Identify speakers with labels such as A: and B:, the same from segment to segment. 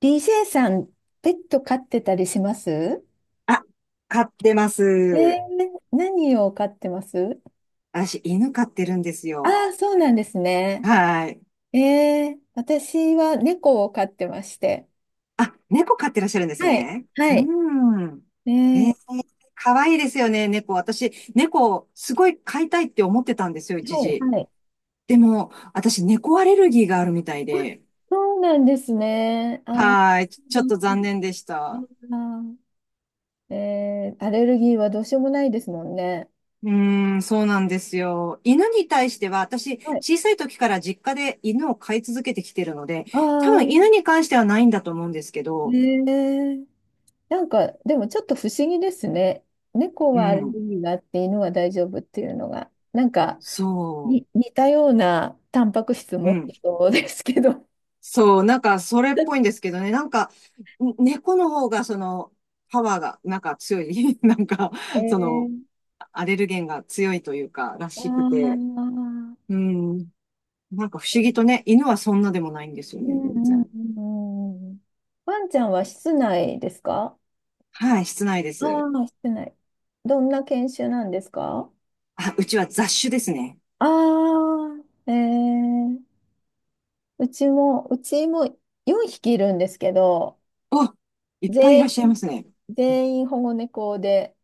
A: DJ さん、ペット飼ってたりします？
B: あ、飼ってます。
A: 何を飼ってます？
B: 私、犬飼ってるんです
A: ああ
B: よ。
A: ー、そうなんですね。
B: はい。
A: 私は猫を飼ってまして。
B: あ、猫飼ってらっしゃるんです
A: はい、
B: ね。
A: は
B: う
A: い。
B: ん。
A: え
B: えー、
A: ー、
B: かわいいですよね、猫。私、猫、すごい飼いたいって思ってたんですよ、一
A: はい、
B: 時。
A: はい。
B: でも、私、猫アレルギーがあるみたい
A: あ、
B: で。
A: そうなんですね。ああ、
B: はい。ちょっ
A: 残
B: と
A: 念。
B: 残念でし
A: う
B: た。
A: ん。あアレルギーはどうしようもないですもんね。
B: そうなんですよ。犬に対しては、私、
A: はい。
B: 小さい時から実家で犬を飼い続けてきてるので、多
A: あ
B: 分犬
A: あ、
B: に関してはないんだと思うんですけ
A: え
B: ど、
A: ー、なんか、でもちょっと不思議ですね。猫
B: う
A: はアレル
B: ん。
A: ギーがあって犬は大丈夫っていうのが、なんか
B: そ
A: に似たようなタンパク質
B: う。う
A: 持っ
B: ん。
A: てそうですけど。
B: そう。なんか、それっぽいんですけどね。なんか、猫の方が、パワーが、なんか強い。なんか、
A: え
B: その、
A: ー、
B: アレルゲンが強いというか、ら
A: あ
B: しくて。
A: ー、
B: うん。なんか不思議とね、犬はそんなでもないんですよ
A: う
B: ね、
A: んう
B: 全
A: ん
B: 然。
A: うんうん。ワンちゃんは室内ですか？
B: はい、室内で
A: あ
B: す。
A: あー、室内。どんな犬種なんですか？
B: あ、うちは雑種ですね。
A: ああー、うちも4匹いるんですけど、
B: お、いっぱいい
A: 全
B: らっしゃいま
A: 員、
B: すね。
A: 全員保護猫で。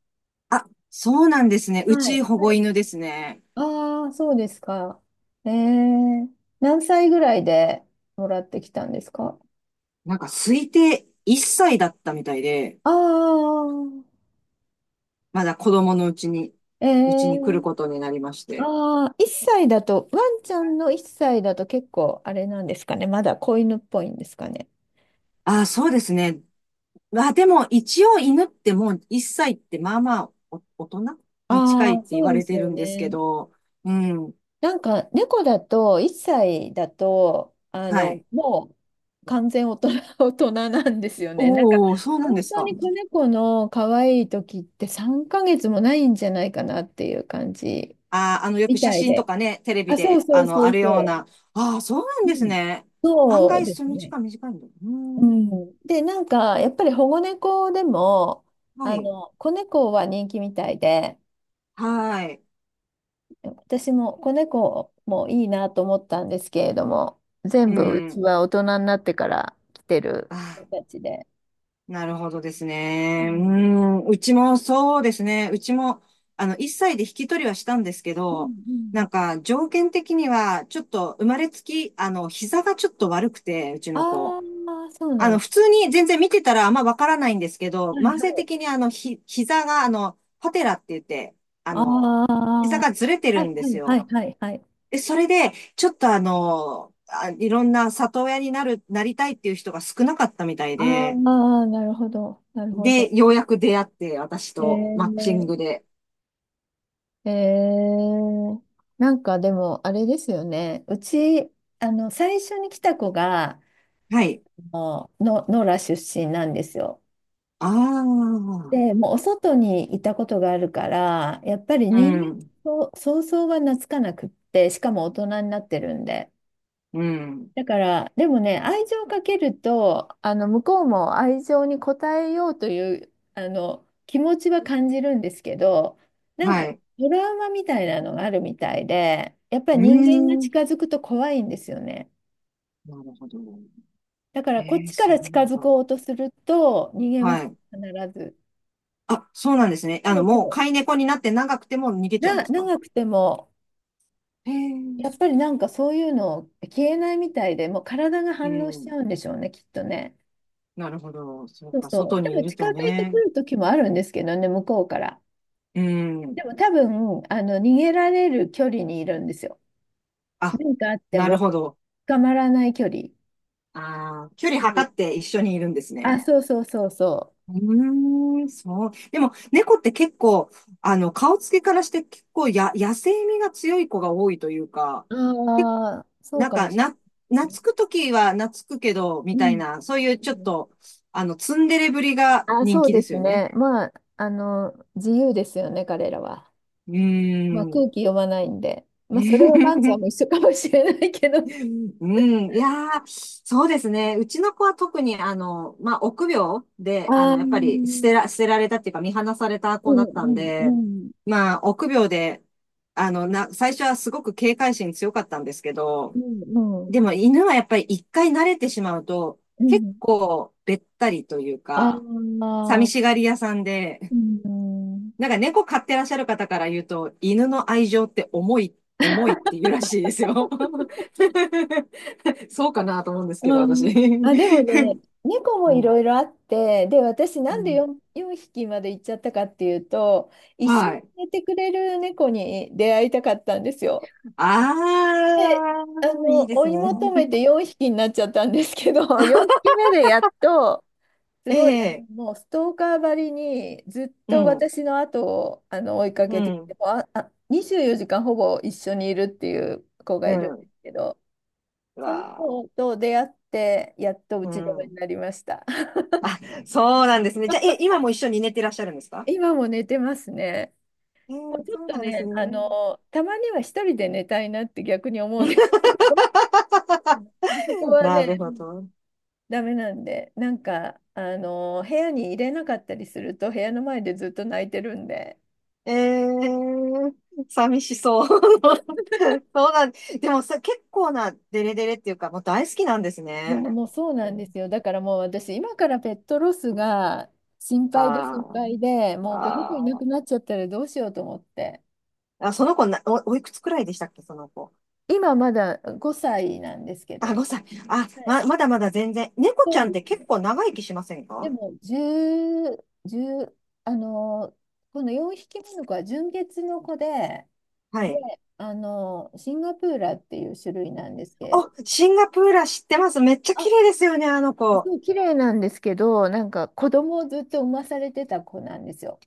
B: あ、そうなんですね。
A: は
B: う
A: い。
B: ち保護
A: はい。
B: 犬ですね。
A: ああ、そうですか。ええ、何歳ぐらいでもらってきたんですか？
B: なんか推定1歳だったみたいで、
A: ああ、
B: まだ子供のうちに、うちに来る
A: ええ。
B: ことになりまして。
A: ああ、1歳だと、ワンちゃんの1歳だと結構あれなんですかね。まだ子犬っぽいんですかね。
B: ああ、そうですね。まあでも一応犬ってもう1歳ってまあまあお大人に近いっ
A: ああ、
B: て言
A: そう
B: わ
A: で
B: れ
A: す
B: てる
A: よ
B: んですけ
A: ね。
B: ど、うん。
A: なんか猫だと1歳だと
B: はい。
A: もう完全大人、大人なんですよね。なんか
B: おお、そうなんで
A: 本
B: す
A: 当
B: か。
A: に子猫の可愛い時って3ヶ月もないんじゃないかなっていう感じ
B: ああ、よく
A: み
B: 写
A: たい
B: 真と
A: で。
B: かね、テレビ
A: あ、そう
B: で、
A: そうそ
B: あ
A: う
B: るよう
A: そ
B: な。ああ、そうなん
A: う。
B: で
A: う
B: す
A: ん、
B: ね。案
A: そう
B: 外、
A: で
B: そ
A: す
B: の時
A: ね。
B: 間短いんだ。うー
A: う
B: ん。
A: ん、で、なんかやっぱり保護猫でも
B: は
A: あ
B: い。
A: の子猫は人気みたいで。
B: はい。
A: 私も子猫もいいなと思ったんですけれども、全
B: う
A: 部うち
B: ん。
A: は大人になってから来て
B: あ
A: る子
B: あ。
A: たちで。
B: なるほどです
A: う
B: ね。
A: ん
B: うちもそうですね。うちも、1歳で引き取りはしたんですけ
A: うん
B: ど、
A: う
B: な
A: ん。
B: んか、条件的には、ちょっと、生まれつき、膝がちょっと悪くて、うちの
A: あ
B: 子。
A: あ、そうなんだ。
B: 普通に全然見てたらあんまわからないんですけど、
A: はいは
B: 慢性的
A: い。
B: に膝が、パテラって言って、あ
A: あ
B: の、
A: あ、
B: 膝がずれて
A: は
B: る
A: い
B: んで
A: は
B: す
A: いはい
B: よ。
A: はいはい。
B: で、それで、ちょっといろんな里親になりたいっていう人が少なかったみたい
A: ああ、
B: で、
A: なるほど、なるほど。
B: で、ようやく出会って、私
A: え
B: とマッチン
A: ー、
B: グで。
A: えー、なんかでもあれですよね。うち、あの、最初に来た子が、
B: はい。
A: あの、野良出身なんですよ。
B: ああ、
A: で、もうお外にいたことがあるから、やっぱり
B: う
A: 人間
B: ん、
A: と想像が懐かなくって、しかも大人になってるんで。
B: うん、
A: だから、でもね、愛情をかけると、あの、向こうも愛情に応えようという、あの、気持ちは感じるんですけど、なんか、
B: はい。
A: トラウマみたいなのがあるみたいで、やっぱり
B: うー
A: 人間が近
B: ん、
A: づくと怖いんですよね。
B: なるほど。
A: だから、こっ
B: ええ、
A: ちか
B: そう
A: ら
B: な
A: 近
B: ん
A: づ
B: だ。
A: こうとすると、逃げます、
B: はい。
A: 必ず。
B: あ、そうなんですね。
A: そう
B: もう
A: そう。
B: 飼い猫になって長くても逃げちゃうんですか？
A: 長くても、
B: へ
A: やっ
B: え、
A: ぱりなんかそういうの消えないみたいで、もう体が
B: う
A: 反応しちゃ
B: ん、
A: うんでしょうね、きっとね。
B: なるほど。そう
A: そう
B: か、
A: そ
B: 外
A: う。で
B: にい
A: も
B: る
A: 近
B: と
A: づいてく
B: ね。
A: る時もあるんですけどね、向こうから。
B: うん、
A: でも多分、あの、逃げられる距離にいるんですよ。
B: あ、
A: 何かあって
B: なる
A: も
B: ほど。
A: 捕まらない距離。
B: ああ、距離
A: うん。
B: 測って一緒にいるんです
A: あ、
B: ね。
A: そうそうそうそ
B: うーん、そう。でも、猫って結構、顔つけからして結構野生味が強い子が多いというか、
A: う。
B: け
A: ああ、そう
B: なん
A: かも
B: か、
A: しれないです
B: 懐
A: ね。
B: くときは懐くけど、
A: う。
B: み
A: う
B: たい
A: ん。
B: な、そういうちょっ
A: うん。
B: と、ツンデレぶりが
A: あ、
B: 人
A: そう
B: 気で
A: で
B: す
A: す
B: よね。
A: ね。まあ、あの、自由ですよね、彼らは。
B: う
A: ま
B: ー
A: あ、空
B: ん。
A: 気読まないんで。まあ、それはバンちゃんも 一緒かもしれないけど。
B: うん、いやー、そうですね。うちの子は特に、まあ、臆病で、
A: ああ、う
B: やっぱり
A: ん
B: 捨てられたっていうか、見放された
A: う
B: 子だったん
A: んう
B: で、
A: ん、
B: まあ、臆病で、最初はすごく警戒心強かったんですけ
A: う
B: ど、
A: ん、うん、
B: でも犬はやっぱり一回慣れてしまうと、
A: う
B: 結
A: ん。
B: 構べったりという
A: ああ、
B: か、寂しがり屋さん
A: う
B: で、
A: ん、
B: なんか猫飼ってらっしゃる方から言うと、犬の愛情って重い、重いって言うらしいですよ。そうかなと思うんですけど、
A: う
B: 私。
A: ん。あ、で もね、猫も
B: う
A: いろ
B: ん。
A: いろあって、で、私
B: う
A: なんで
B: ん、
A: 4匹まで行っちゃったかっていうと、一緒
B: は
A: に
B: い。
A: 寝てくれる猫に出会いたかったんですよ。
B: あ
A: で、あ
B: あ、いい
A: の、
B: で
A: 追
B: す
A: い
B: ね。
A: 求めて 4匹になっちゃったんですけど、4匹目でやっと、す
B: え
A: ごい、あの、
B: え、
A: もうストーカーばりにずっ
B: う
A: と
B: ん、
A: 私の後をあの追いか
B: う
A: けてきて、
B: ん、
A: もう24時間ほぼ一緒にいるっていう子が
B: う
A: いるんで
B: ん。
A: すけど、
B: う
A: その
B: わ
A: 子と出会ってやっと打
B: ー、
A: ち止めに
B: う
A: なりました。
B: ん。そうなんですね。じゃあ、今も一緒に寝てらっしゃるんですか？
A: 今も寝てますね。
B: ええ、
A: もうちょっ
B: そう
A: と
B: なんですね。
A: ね、あの、たまには一人で寝たいなって逆に思うんですけど、まあ、そこ は
B: な
A: ね、
B: る
A: う
B: ほ
A: ん、
B: ど。
A: ダメなんで、なんか、あの、部屋に入れなかったりすると、部屋の前でずっと泣いてるんで。
B: ええー、寂しそう。そうなん、でもさ、結構なデレデレっていうか、もう大好きなんです
A: いや、
B: ね。
A: もうそうなんですよ。だからもう私、今からペットロスが心配で心
B: あ
A: 配で、
B: ー
A: もうこの子いな
B: あ
A: くなっちゃったらどうしようと思って。
B: ー、あ、その子な、おいくつくらいでしたっけ、その子。
A: 今まだ5歳なんですけど
B: あ、
A: ね。
B: 5歳。あ、
A: はい、
B: まだまだ全然。猫ち
A: そ
B: ゃ
A: う
B: んっ
A: で
B: て
A: す
B: 結
A: ね。
B: 構長生きしません
A: で
B: か？
A: も、10、じゅうあの、この4匹目の子は純血の子で、
B: はい。
A: で、あの、シンガプーラっていう種類なんですけれ
B: お、
A: ど。
B: シンガプーラ知ってます。めっちゃ綺
A: あ、
B: 麗ですよね、あの
A: す
B: 子。
A: ごい綺麗なんですけど、なんか子供をずっと産まされてた子なんですよ。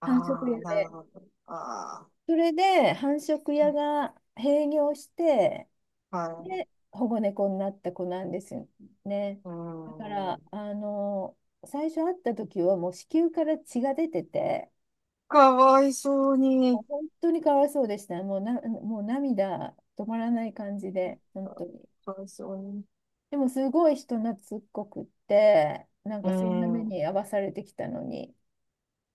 B: あ
A: 繁殖
B: あ、
A: 屋
B: なる
A: で。
B: ほど。あ
A: それで繁殖屋が閉業して、
B: あ、はい。
A: で、保護猫になった子なんですよね。
B: うー
A: だから、
B: ん。
A: あの、最初会った時はもう子宮から血が出てて、
B: かわいそうに。
A: 本当にかわいそうでした。もう涙止まらない感じで、本当に。
B: かわいそうに。
A: でもすごい人懐っこくって、なん
B: うー
A: かそんな
B: ん、
A: 目
B: う
A: に遭わされてきたのに。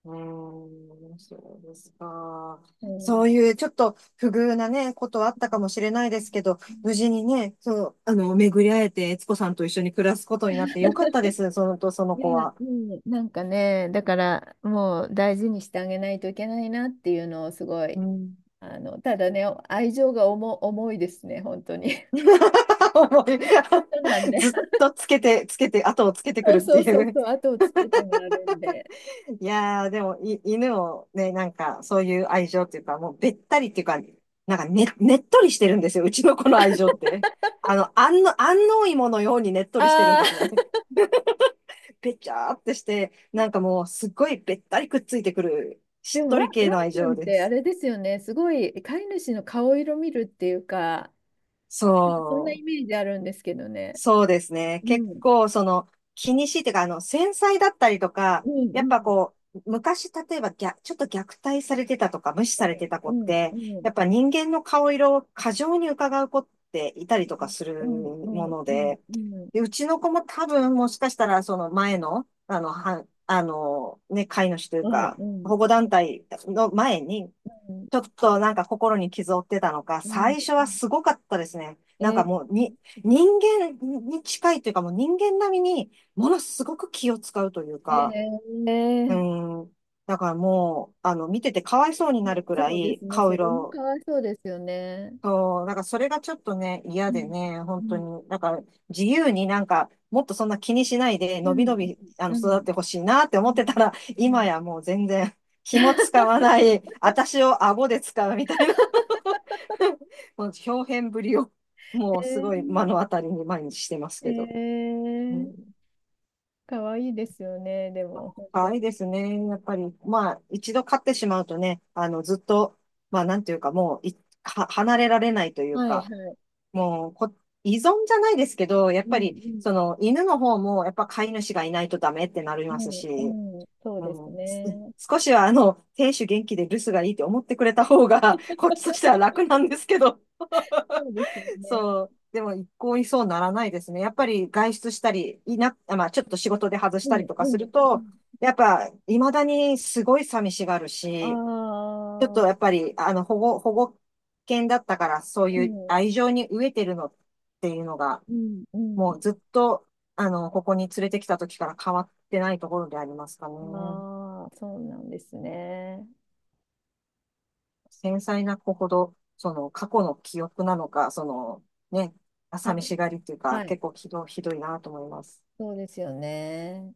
B: ーん、そうですか。
A: うん
B: そう
A: う
B: いうちょっと不遇なね、ことはあっ
A: ん
B: たかもしれないですけど、
A: う
B: 無
A: ん。
B: 事にね、そう、巡り会えて、悦子さんと一緒に暮らすことになってよかったです、そのと、その
A: いや、
B: 子は。
A: うん、なんかね、だからもう大事にしてあげないといけないなっていうのをすご
B: う
A: い、
B: ん。
A: あの、ただね、愛情が重いですね、本当に。
B: 思い
A: そうなんで、
B: ずっとつけて、つけて、後をつけてく
A: そ
B: る
A: う
B: っ
A: そ
B: て
A: うそ
B: い
A: う
B: う。
A: そう、後をつけてもらえるんで。
B: いやー、でも、犬をね、なんか、そういう愛情っていうか、もうべったりっていうか、なんかね、ねっとりしてるんですよ。うちの子の愛情って。安納芋のようにねっとりしてるん
A: ああ、
B: ですね。べちゃーってして、なんかもう、すっごいべったりくっついてくる、
A: で
B: しっ
A: も
B: と
A: ワン、
B: り系
A: ワ
B: の
A: ン
B: 愛
A: ちゃん
B: 情
A: っ
B: で
A: てあ
B: す。
A: れですよね、すごい飼い主の顔色見るっていうか、そんな
B: そ
A: イ
B: う。
A: メージあるんですけどね。
B: そうですね。
A: う
B: 結
A: ん、
B: 構、気にしいっていうか、繊細だったりとか、
A: うん、
B: やっ
A: う
B: ぱ
A: ん、
B: こう、昔、例えばちょっと虐待されてたとか、無視されてた子
A: う
B: っ
A: ん、
B: て、
A: うん、
B: やっぱ人間の顔色を過剰に伺う子っていたりとかす
A: う
B: る
A: ん、う
B: も
A: ん、
B: の
A: うん、
B: で、
A: うん、うん、
B: で、うちの子も多分、もしかしたら、その前の、ね、飼い主とい
A: う
B: う
A: ん、
B: か、
A: うん、
B: 保護団体の前に、ちょっとなんか心に傷を負ってたのか、
A: うん、う
B: 最初は
A: ん。
B: すごかったですね。なん
A: え
B: かも
A: え
B: う人間に近いというかもう人間並みにものすごく気を使うという
A: え
B: か、
A: ええ
B: う
A: ー、
B: ん。だからもう、見ててかわいそうになるく
A: そ
B: ら
A: うで
B: い
A: すね。
B: 顔
A: それも
B: 色。
A: かわいそうですよね。
B: そう、だからそれがちょっとね、
A: う
B: 嫌で
A: ん、
B: ね、
A: う
B: 本当
A: ん、
B: に。だから自由になんか、もっとそんな気にしないで、
A: う
B: のび
A: ん、
B: のび、
A: う
B: 育っ
A: ん、
B: てほしいなって
A: う
B: 思ってた
A: ん、
B: ら、
A: う
B: 今
A: ん。
B: やもう全然、気も使わない、私を顎で使うみたいな もう表現ぶりを、
A: え
B: もうすごい目
A: え
B: の当たりに毎日してますけど。
A: え
B: う
A: ー、
B: ん、
A: かわいいですよね。でも、本
B: 可
A: 当に。
B: 愛いですね。やっぱり、まあ、一度飼ってしまうとね、ずっと、まあ、なんていうか、もうい、離れられないという
A: はい、は
B: か、
A: い。
B: もうこ、依存じゃないですけど、やっ
A: う
B: ぱ
A: ん、う
B: り、
A: ん、
B: 犬の方も、やっぱ飼い主がいないとダメってなり
A: う
B: ますし、
A: ん、うん。そう
B: う
A: です
B: ん、
A: ね。
B: 少しは、亭主元気で留守がいいって思ってくれた方が、こっちとしては楽なんですけど、
A: そうですよね。
B: そう、でも一向にそうならないですね。やっぱり外出したり、まあ、ちょっと仕事で外し
A: う
B: た
A: ん、
B: りと
A: う
B: かす
A: ん、
B: る
A: う
B: と、
A: ん。
B: やっぱ、未だにすごい寂しがる
A: あ
B: し、ちょっとやっ
A: あ、
B: ぱり、保護犬だったから、そう
A: う
B: いう
A: ん、
B: 愛情に飢えてるのっていうのが、
A: うん、う
B: も
A: ん。
B: うずっと、ここに連れてきた時から変わってないところでありますかね。
A: ああ、そうなんですね。
B: 繊細な子ほど、その過去の記憶なのか、そのね、
A: は
B: 寂
A: い。
B: しがりっていうか、
A: はい、
B: 結構ひどいなと思います。
A: そうですよね。